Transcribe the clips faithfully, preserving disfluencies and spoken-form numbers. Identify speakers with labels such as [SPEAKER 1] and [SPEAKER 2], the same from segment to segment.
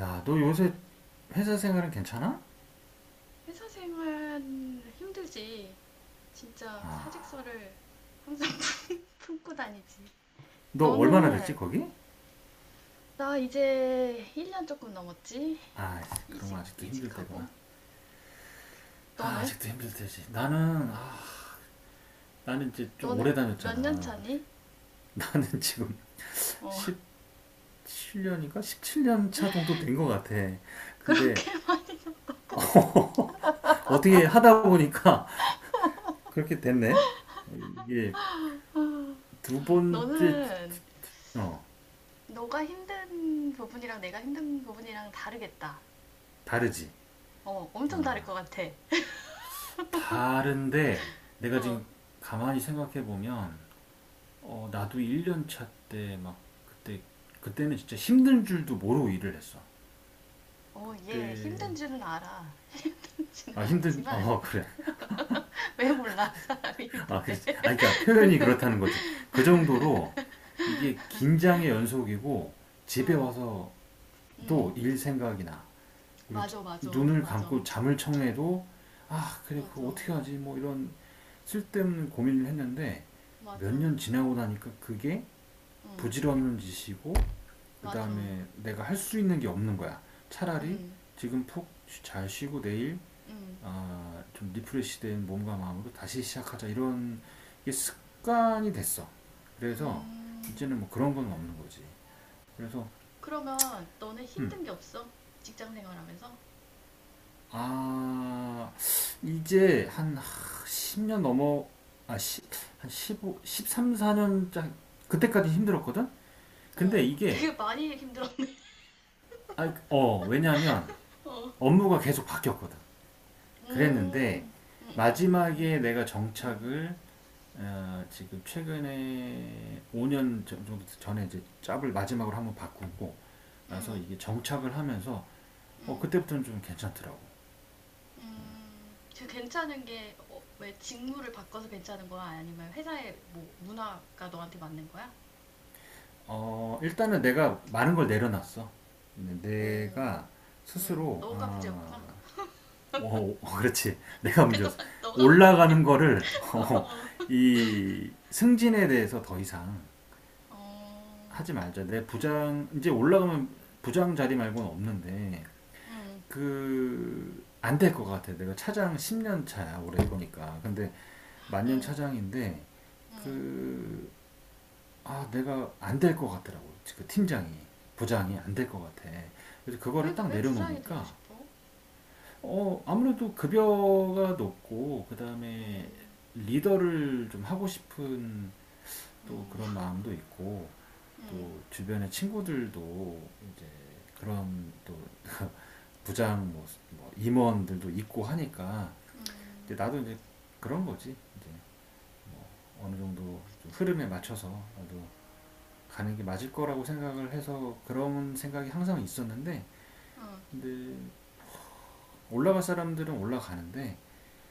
[SPEAKER 1] 야, 너 요새 회사 생활은 괜찮아?
[SPEAKER 2] 회사 생활 힘들지. 진짜 사직서를 항상 품고 다니지.
[SPEAKER 1] 너 얼마나 됐지,
[SPEAKER 2] 너는
[SPEAKER 1] 거기?
[SPEAKER 2] 나 이제 일 년 조금 넘었지?
[SPEAKER 1] 아, 그럼
[SPEAKER 2] 이직,
[SPEAKER 1] 아직도 힘들
[SPEAKER 2] 이직하고.
[SPEAKER 1] 때구나. 아,
[SPEAKER 2] 너는?
[SPEAKER 1] 아직도 힘들 때지. 나는, 아, 나는 이제 좀 오래
[SPEAKER 2] 너는 몇 년
[SPEAKER 1] 다녔잖아.
[SPEAKER 2] 차니?
[SPEAKER 1] 나는 지금
[SPEAKER 2] 어,
[SPEAKER 1] 십칠 년인가? 십칠 년 차 정도 된 것 같아. 근데,
[SPEAKER 2] 그렇게 많이.
[SPEAKER 1] 어, 어떻게 하다 보니까 그렇게 됐네? 이게
[SPEAKER 2] 어,
[SPEAKER 1] 두 번째,
[SPEAKER 2] 너는
[SPEAKER 1] 어,
[SPEAKER 2] 너가 힘든 부분이랑 내가 힘든 부분이랑 다르겠다.
[SPEAKER 1] 다르지.
[SPEAKER 2] 어, 엄청
[SPEAKER 1] 어,
[SPEAKER 2] 다를 것 같아.
[SPEAKER 1] 다른데, 내가
[SPEAKER 2] 어,
[SPEAKER 1] 지금 가만히 생각해 보면, 어, 나도 일 년 차 때 막 그때 그때는 진짜 힘든 줄도 모르고 일을 했어.
[SPEAKER 2] 어, 얘 힘든
[SPEAKER 1] 그때
[SPEAKER 2] 줄은 알아. 힘든 줄은
[SPEAKER 1] 아 힘든
[SPEAKER 2] 알지만
[SPEAKER 1] 어 그래
[SPEAKER 2] 왜 몰라? 사람이
[SPEAKER 1] 아 그래
[SPEAKER 2] 힘든데.
[SPEAKER 1] 아 그러니까 표현이 그렇다는 거지. 그 정도로 이게 긴장의 연속이고 집에
[SPEAKER 2] 어,
[SPEAKER 1] 와서도
[SPEAKER 2] 응,
[SPEAKER 1] 일 생각이 나. 그리고 자-
[SPEAKER 2] 맞아, 맞아,
[SPEAKER 1] 눈을 감고
[SPEAKER 2] 맞아,
[SPEAKER 1] 잠을 청해도 아 그래 그거
[SPEAKER 2] 맞아,
[SPEAKER 1] 어떻게 하지 뭐 이런 쓸데없는 고민을 했는데 몇
[SPEAKER 2] 맞아,
[SPEAKER 1] 년 지나고 나니까 그게
[SPEAKER 2] 응,
[SPEAKER 1] 부질없는 짓이고 그
[SPEAKER 2] 맞아,
[SPEAKER 1] 다음에 내가 할 수 있는 게 없는 거야. 차라리
[SPEAKER 2] 응,
[SPEAKER 1] 지금 푹 잘 쉬고 내일
[SPEAKER 2] 응,
[SPEAKER 1] 어, 좀 리프레시된 몸과 마음으로 다시 시작하자 이런 게 습관이 됐어. 그래서
[SPEAKER 2] 음.
[SPEAKER 1] 이제는 뭐 그런 건 없는 거지. 그래서
[SPEAKER 2] 그러면 너네
[SPEAKER 1] 음,
[SPEAKER 2] 힘든 게 없어? 직장 생활하면서?
[SPEAKER 1] 아 이제 한십 십 년 넘어 아, 시, 한십삼삼 십사 년짜 그때까지 힘들었거든. 근데
[SPEAKER 2] 어,
[SPEAKER 1] 이게
[SPEAKER 2] 되게 많이 힘들어.
[SPEAKER 1] 아, 어 왜냐하면
[SPEAKER 2] 어,
[SPEAKER 1] 업무가 계속 바뀌었거든.
[SPEAKER 2] 음,
[SPEAKER 1] 그랬는데
[SPEAKER 2] 음, 음, 음,
[SPEAKER 1] 마지막에 내가
[SPEAKER 2] 음,
[SPEAKER 1] 정착을 어, 지금 최근에 오 년 정도 전에 이제 짭을 마지막으로 한번 바꾸고 나서
[SPEAKER 2] 음,
[SPEAKER 1] 이게 정착을 하면서 어,
[SPEAKER 2] 음,
[SPEAKER 1] 그때부터는 좀 괜찮더라고.
[SPEAKER 2] 음. 그 괜찮은 게, 어, 왜 직무를 바꿔서 괜찮은 거야? 아니면 회사의 뭐 문화가 너한테 맞는 거야?
[SPEAKER 1] 어, 일단은 내가 많은 걸 내려놨어.
[SPEAKER 2] 어,
[SPEAKER 1] 내가
[SPEAKER 2] 응,
[SPEAKER 1] 스스로
[SPEAKER 2] 너가
[SPEAKER 1] 아,
[SPEAKER 2] 문제였구나.
[SPEAKER 1] 어, 어, 그렇지. 내가 문제였어.
[SPEAKER 2] 그동안 너가
[SPEAKER 1] 올라가는
[SPEAKER 2] 문제였는데.
[SPEAKER 1] 거를 어, 이 승진에 대해서 더 이상
[SPEAKER 2] 어,
[SPEAKER 1] 하지 말자. 내 부장 이제 올라가면 부장 자리 말고는 없는데
[SPEAKER 2] 응,
[SPEAKER 1] 그 안 될 것 같아. 내가 차장 십 년 차야 올해 보거니까 근데 만년
[SPEAKER 2] 응,
[SPEAKER 1] 차장인데
[SPEAKER 2] 응.
[SPEAKER 1] 그 아 내가 안 될 것 같더라고. 그 팀장이 부장이 안 될 것 같아. 그래서
[SPEAKER 2] 왜,
[SPEAKER 1] 그거를 딱
[SPEAKER 2] 왜 부장이 되고
[SPEAKER 1] 내려놓으니까
[SPEAKER 2] 싶어?
[SPEAKER 1] 어 아무래도 급여가 높고 그 다음에
[SPEAKER 2] 음, 음,
[SPEAKER 1] 리더를 좀 하고 싶은 또
[SPEAKER 2] 음,
[SPEAKER 1] 그런 마음도 있고
[SPEAKER 2] 음,
[SPEAKER 1] 또 주변의 친구들도 이제 그런 또 부장 뭐, 뭐 임원들도 있고 하니까 이제
[SPEAKER 2] 음,
[SPEAKER 1] 나도 이제 그런 거지 이제 뭐 어느 정도 좀
[SPEAKER 2] 그치,
[SPEAKER 1] 흐름에
[SPEAKER 2] 그래, 그래.
[SPEAKER 1] 맞춰서 나도 가는 게 맞을 거라고 생각을 해서 그런 생각이 항상 있었는데
[SPEAKER 2] 어,
[SPEAKER 1] 근데 올라갈 사람들은 올라가는데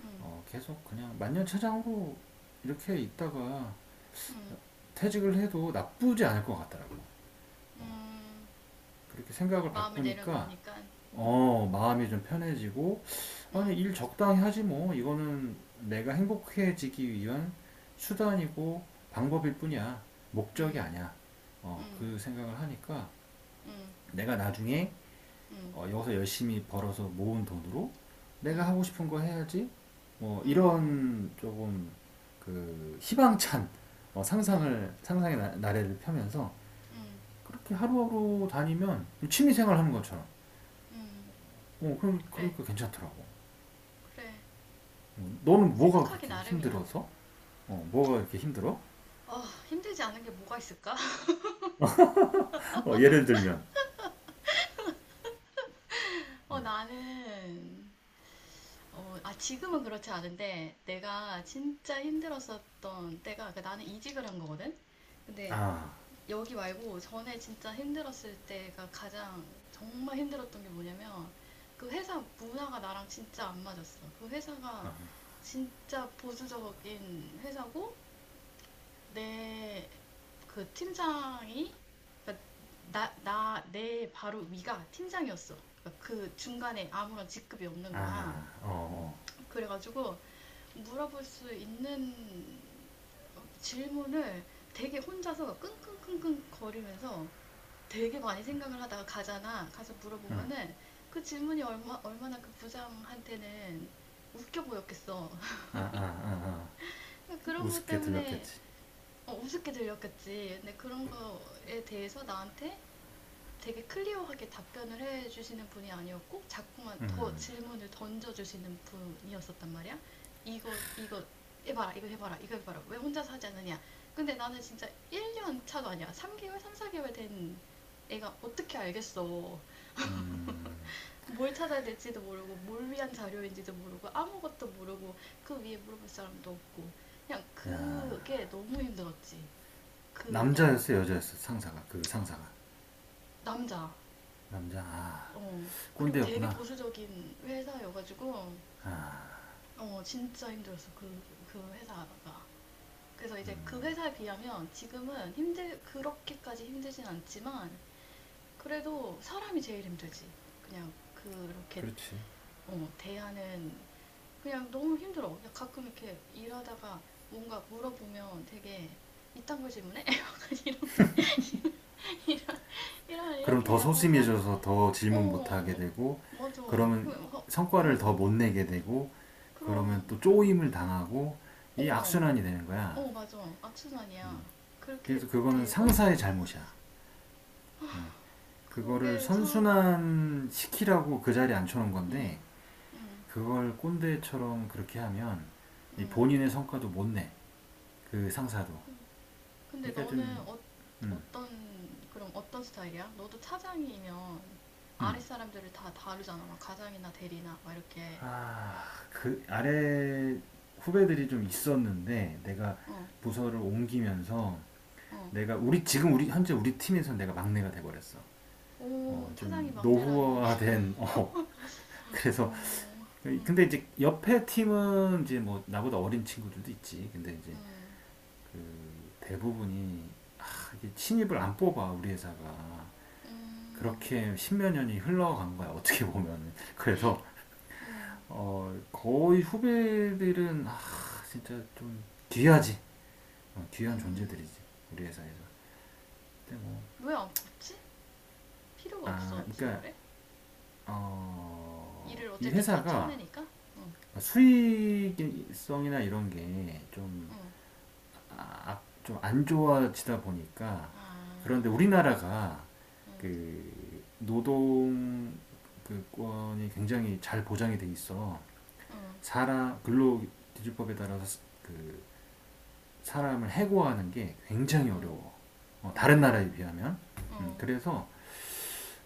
[SPEAKER 2] 음,
[SPEAKER 1] 어, 계속 그냥 만년차장으로 이렇게 있다가
[SPEAKER 2] 음,
[SPEAKER 1] 퇴직을 해도 나쁘지 않을 것 같더라고요.
[SPEAKER 2] 음,
[SPEAKER 1] 그렇게 생각을
[SPEAKER 2] 마음을
[SPEAKER 1] 바꾸니까
[SPEAKER 2] 내려놓으니까, 음,
[SPEAKER 1] 어, 마음이 좀 편해지고, 아니,
[SPEAKER 2] 음,
[SPEAKER 1] 일 적당히 하지 뭐. 이거는 내가 행복해지기 위한 수단이고 방법일 뿐이야. 목적이
[SPEAKER 2] 음,
[SPEAKER 1] 아니야. 어,
[SPEAKER 2] 음,
[SPEAKER 1] 그 생각을 하니까
[SPEAKER 2] 음, 음,
[SPEAKER 1] 내가 나중에
[SPEAKER 2] 음,
[SPEAKER 1] 어, 여기서 열심히 벌어서 모은 돈으로 내가
[SPEAKER 2] 음,
[SPEAKER 1] 하고 싶은 거 해야지. 뭐, 이런 조금 그 희망찬 어,
[SPEAKER 2] 음, 음,
[SPEAKER 1] 상상을, 상상의 나- 나래를 펴면서 그렇게 하루하루 다니면 취미생활
[SPEAKER 2] 음,
[SPEAKER 1] 하는 것처럼.
[SPEAKER 2] 음,
[SPEAKER 1] 어, 그럼,
[SPEAKER 2] 그래,
[SPEAKER 1] 그러니까 괜찮더라고.
[SPEAKER 2] 그래.
[SPEAKER 1] 음, 너는 뭐가
[SPEAKER 2] 생각하기
[SPEAKER 1] 그렇게
[SPEAKER 2] 나름이야.
[SPEAKER 1] 힘들어서? 어, 뭐가 이렇게 힘들어?
[SPEAKER 2] 어, 힘들지 않은 게 뭐가 있을까?
[SPEAKER 1] 어, 예를 들면
[SPEAKER 2] 어,
[SPEAKER 1] 음,
[SPEAKER 2] 나는, 어, 아, 지금은 그렇지 않은데, 내가 진짜 힘들었었던 때가, 그 나는 이직을 한 거거든? 근데
[SPEAKER 1] 아,
[SPEAKER 2] 여기 말고 전에 진짜 힘들었을 때가 가장 정말 힘들었던 게 뭐냐면, 그 회사 문화가 나랑 진짜 안 맞았어. 그 회사가 진짜 보수적인 회사고, 내 그 팀장이, 그러니까 나, 나, 내 바로 위가 팀장이었어. 그러니까 그 중간에 아무런 직급이 없는 거야.
[SPEAKER 1] 아, 어, 어,
[SPEAKER 2] 그래가지고, 물어볼 수 있는 질문을 되게 혼자서 끙끙끙끙 거리면서 되게 많이 생각을 하다가 가잖아. 가서
[SPEAKER 1] 음,
[SPEAKER 2] 물어보면은 그 질문이 얼마, 얼마나 그 부장한테는 웃겨 보였겠어.
[SPEAKER 1] 아, 아, 아, 아,
[SPEAKER 2] 그런 것
[SPEAKER 1] 우습게
[SPEAKER 2] 때문에
[SPEAKER 1] 들렸겠지.
[SPEAKER 2] 어, 우습게 들렸겠지. 근데 그런 거에 대해서 나한테 되게 클리어하게 답변을 해주시는 분이 아니었고 자꾸만 더 질문을 던져주시는 분이었었단 말이야. 이거 이거 해봐라 이거 해봐라 이거 해봐라 왜 혼자서 하지 않느냐. 근데 나는 진짜 일 년 차도 아니야. 삼 개월 삼, 사 개월 된 애가 어떻게 알겠어. 뭘 찾아야 될지도 모르고 뭘 위한 자료인지도 모르고 아무것도 모르고 그 위에 물어볼 사람도 없고 그냥
[SPEAKER 1] 야,
[SPEAKER 2] 그게 너무 힘들었지. 그 그냥
[SPEAKER 1] 남자였어, 여자였어, 상사가 그 상사가
[SPEAKER 2] 남자.
[SPEAKER 1] 남자, 아,
[SPEAKER 2] 어. 그리고 되게
[SPEAKER 1] 꼰대였구나.
[SPEAKER 2] 보수적인 회사여가지고 어, 진짜 힘들었어, 그, 그 회사가. 그래서 이제 그 회사에 비하면 지금은 힘들, 그렇게까지 힘들진 않지만, 그래도 사람이 제일 힘들지. 그냥 그렇게,
[SPEAKER 1] 그렇지.
[SPEAKER 2] 어, 대하는, 그냥 너무 힘들어. 그냥 가끔 이렇게 일하다가 뭔가 물어보면 되게, 이딴 걸 질문해? 약간 이런, 게- 이런, 이런,
[SPEAKER 1] 그럼
[SPEAKER 2] 이렇게
[SPEAKER 1] 더
[SPEAKER 2] 약간 사,
[SPEAKER 1] 소심해져서 더 질문 못하게
[SPEAKER 2] 어,
[SPEAKER 1] 되고,
[SPEAKER 2] 맞아.
[SPEAKER 1] 그러면
[SPEAKER 2] 그, 어,
[SPEAKER 1] 성과를 더
[SPEAKER 2] 어,
[SPEAKER 1] 못 내게 되고, 그러면
[SPEAKER 2] 그럼,
[SPEAKER 1] 또
[SPEAKER 2] 그리고,
[SPEAKER 1] 쪼임을 당하고, 이
[SPEAKER 2] 어,
[SPEAKER 1] 악순환이 되는 거야.
[SPEAKER 2] 어, 맞아. 악순환이야. 그렇게
[SPEAKER 1] 그래서 그거는
[SPEAKER 2] 되고,
[SPEAKER 1] 상사의 잘못이야. 그거를
[SPEAKER 2] 그게 참,
[SPEAKER 1] 선순환 시키라고 그 자리에 앉혀놓은
[SPEAKER 2] 응,
[SPEAKER 1] 건데
[SPEAKER 2] 응,
[SPEAKER 1] 그걸 꼰대처럼 그렇게 하면
[SPEAKER 2] 응,
[SPEAKER 1] 본인의 성과도 못 내. 그 상사도.
[SPEAKER 2] 그- 근데
[SPEAKER 1] 그러니까
[SPEAKER 2] 너는
[SPEAKER 1] 좀
[SPEAKER 2] 어,
[SPEAKER 1] 음.
[SPEAKER 2] 어떤, 그럼 어떤 스타일이야? 너도 차장이면
[SPEAKER 1] 음.
[SPEAKER 2] 아랫 사람들을 다 다루잖아. 막 가장이나 대리나, 막 이렇게.
[SPEAKER 1] 아, 그 아래 후배들이 좀 있었는데 내가
[SPEAKER 2] 어,
[SPEAKER 1] 부서를 옮기면서
[SPEAKER 2] 어.
[SPEAKER 1] 내가 우리 지금 우리 현재 우리 팀에서 내가 막내가 돼 버렸어. 어,
[SPEAKER 2] 오, 차장이
[SPEAKER 1] 좀
[SPEAKER 2] 막내라니.
[SPEAKER 1] 노후화된 어. 그래서
[SPEAKER 2] 음, 음,
[SPEAKER 1] 근데 이제 옆에 팀은 이제 뭐 나보다 어린 친구들도 있지. 근데 이제
[SPEAKER 2] 음,
[SPEAKER 1] 그 대부분이 아, 이게 신입을 안 뽑아 우리 회사가
[SPEAKER 2] 음,
[SPEAKER 1] 그렇게 십몇 년이 흘러간 거야 어떻게 보면은 그래서
[SPEAKER 2] 음,
[SPEAKER 1] 어, 거의 후배들은 아, 진짜 좀 귀하지 어, 귀한
[SPEAKER 2] 음.
[SPEAKER 1] 존재들이지 우리 회사에서 근데
[SPEAKER 2] 왜안 뽑지? 필요가
[SPEAKER 1] 뭐아
[SPEAKER 2] 없어서
[SPEAKER 1] 그러니까
[SPEAKER 2] 그래?
[SPEAKER 1] 어,
[SPEAKER 2] 일을
[SPEAKER 1] 이
[SPEAKER 2] 어쨌든 다
[SPEAKER 1] 회사가
[SPEAKER 2] 쳐내니까? 응,
[SPEAKER 1] 수익성이나 이런 게좀
[SPEAKER 2] 응.
[SPEAKER 1] 아, 좀안 좋아지다 보니까 그런데
[SPEAKER 2] 아.
[SPEAKER 1] 우리나라가
[SPEAKER 2] 응,
[SPEAKER 1] 그 노동 그 권이 굉장히 잘 보장이 돼 있어.
[SPEAKER 2] 응,
[SPEAKER 1] 사람 근로기준법에 따라서 그 사람을 해고하는 게 굉장히 어려워. 어,
[SPEAKER 2] 응,
[SPEAKER 1] 다른
[SPEAKER 2] 응,
[SPEAKER 1] 나라에
[SPEAKER 2] 응,
[SPEAKER 1] 비하면. 음,
[SPEAKER 2] 응,
[SPEAKER 1] 그래서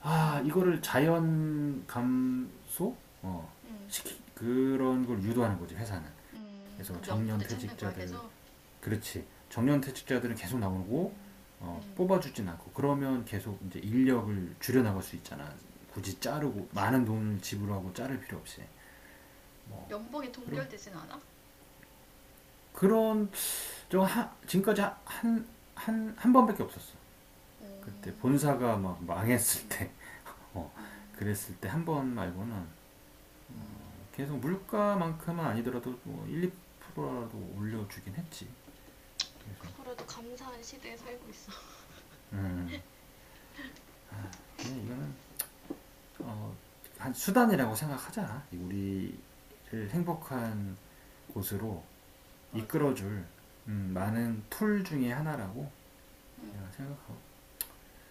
[SPEAKER 1] 아 이거를
[SPEAKER 2] 음,
[SPEAKER 1] 자연 감소 어,
[SPEAKER 2] 응,
[SPEAKER 1] 시키 그런 걸 유도하는 거지 회사는.
[SPEAKER 2] 응,
[SPEAKER 1] 그래서
[SPEAKER 2] 그
[SPEAKER 1] 정년
[SPEAKER 2] 명분을 찾는 거야,
[SPEAKER 1] 퇴직자들
[SPEAKER 2] 계속?
[SPEAKER 1] 그렇지. 정년 퇴직자들은 계속 나오고
[SPEAKER 2] 음,
[SPEAKER 1] 어,
[SPEAKER 2] 음,
[SPEAKER 1] 뽑아주진 않고 그러면 계속 이제 인력을 줄여 나갈 수 있잖아. 굳이 자르고
[SPEAKER 2] 그치.
[SPEAKER 1] 많은 돈을 지불하고 자를 필요 없이 뭐
[SPEAKER 2] 연봉이
[SPEAKER 1] 그런
[SPEAKER 2] 동결되진 않아?
[SPEAKER 1] 그런 저 하, 지금까지 한 한 한 번밖에 없었어.
[SPEAKER 2] 오,
[SPEAKER 1] 그때 본사가 막 망했을
[SPEAKER 2] 음,
[SPEAKER 1] 때, 어,
[SPEAKER 2] 음, 음.
[SPEAKER 1] 그랬을 때 한 번 말고는 계속 물가만큼은 아니더라도 뭐 일, 이 프로라도 올려주긴 했지. 계속.
[SPEAKER 2] 그거라도 감사한 시대에 살고 있어.
[SPEAKER 1] 음, 아, 예, 이거는 어, 한 수단이라고 생각하자. 우리를 행복한 곳으로
[SPEAKER 2] 맞아.
[SPEAKER 1] 이끌어줄 음,
[SPEAKER 2] 응,
[SPEAKER 1] 많은 툴 중에 하나라고
[SPEAKER 2] 응.
[SPEAKER 1] 내가 생각하고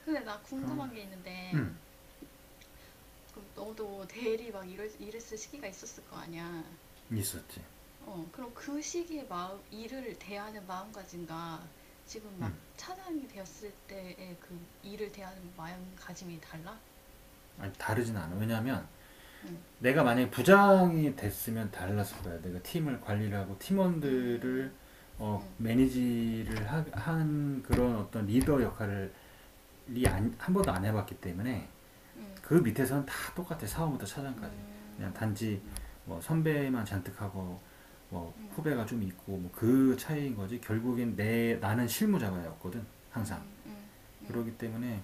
[SPEAKER 2] 근데 나
[SPEAKER 1] 그런
[SPEAKER 2] 궁금한 게 있는데,
[SPEAKER 1] 음
[SPEAKER 2] 그럼 너도 대리 막 이랬, 이랬을 시기가 있었을 거 아니야?
[SPEAKER 1] 있었지.
[SPEAKER 2] 어, 그럼 그 시기에 마음, 일을 대하는 마음가짐과 지금 막
[SPEAKER 1] 음
[SPEAKER 2] 차장이 되었을 때의 그 일을 대하는 마음가짐이 달라?
[SPEAKER 1] 아니 다르진 않아. 왜냐하면
[SPEAKER 2] 응,
[SPEAKER 1] 내가 만약에 부장이 됐으면 달랐을 거야. 내가 팀을 관리를 하고 팀원들을
[SPEAKER 2] 음,
[SPEAKER 1] 어,
[SPEAKER 2] 음,
[SPEAKER 1] 매니지를 하, 한 그런 어떤 리더 역할을 한 번도 안 해봤기 때문에
[SPEAKER 2] 음,
[SPEAKER 1] 그 밑에서는 다 똑같아 사원부터 차장까지 그냥
[SPEAKER 2] 음,
[SPEAKER 1] 단지
[SPEAKER 2] 음,
[SPEAKER 1] 뭐 선배만 잔뜩하고 뭐
[SPEAKER 2] 음, 음,
[SPEAKER 1] 후배가 좀 있고 뭐 그 차이인 거지 결국엔 내 나는 실무자가였거든 항상
[SPEAKER 2] 음, 음,
[SPEAKER 1] 그러기 때문에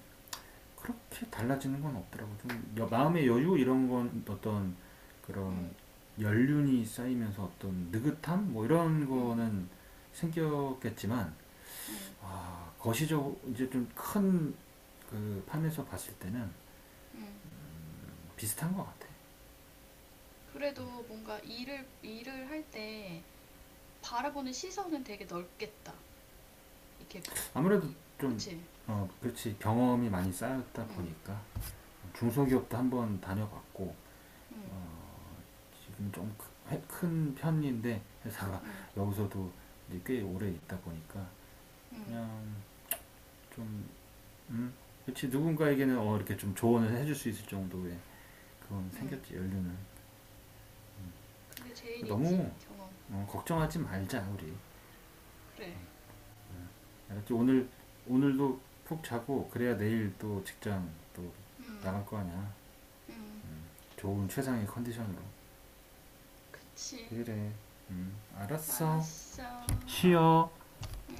[SPEAKER 1] 그렇게 달라지는 건 없더라고 좀 마음의 여유 이런 건 어떤 그런
[SPEAKER 2] 음,
[SPEAKER 1] 연륜이 쌓이면서 어떤 느긋함 뭐 이런
[SPEAKER 2] 음,
[SPEAKER 1] 거는 생겼겠지만
[SPEAKER 2] 음,
[SPEAKER 1] 아 거시적 이제 좀 큰 그 판에서 봤을 때는
[SPEAKER 2] 음.
[SPEAKER 1] 비슷한 것 같아.
[SPEAKER 2] 그래도 뭔가 일을, 일을 할 때 바라보는 시선은 되게 넓겠다. 이렇게,
[SPEAKER 1] 아무래도
[SPEAKER 2] 이-
[SPEAKER 1] 좀
[SPEAKER 2] 그치?
[SPEAKER 1] 어, 그렇지 경험이 많이 쌓였다
[SPEAKER 2] 응,
[SPEAKER 1] 보니까 중소기업도 한번 다녀봤고
[SPEAKER 2] 응,
[SPEAKER 1] 지금 좀 큰 편인데 회사가
[SPEAKER 2] 응,
[SPEAKER 1] 여기서도 이제 꽤 오래 있다 보니까
[SPEAKER 2] 응,
[SPEAKER 1] 그냥 좀 음, 그렇지 누군가에게는 어, 이렇게 좀 조언을 해줄 수 있을 정도의 그건
[SPEAKER 2] 응.
[SPEAKER 1] 생겼지 연륜은
[SPEAKER 2] 그게 제일이지,
[SPEAKER 1] 너무
[SPEAKER 2] 경험.
[SPEAKER 1] 어, 걱정하지 말자 우리
[SPEAKER 2] 그래.
[SPEAKER 1] 알았지 오늘 오늘도 푹 자고 그래야 내일 또 직장 또
[SPEAKER 2] 음.
[SPEAKER 1] 나갈 거 아니야
[SPEAKER 2] 응,
[SPEAKER 1] 좋은 최상의 컨디션으로
[SPEAKER 2] 그치.
[SPEAKER 1] 그래. 음, 알았어.
[SPEAKER 2] 알았어.
[SPEAKER 1] 쉬어.
[SPEAKER 2] 응.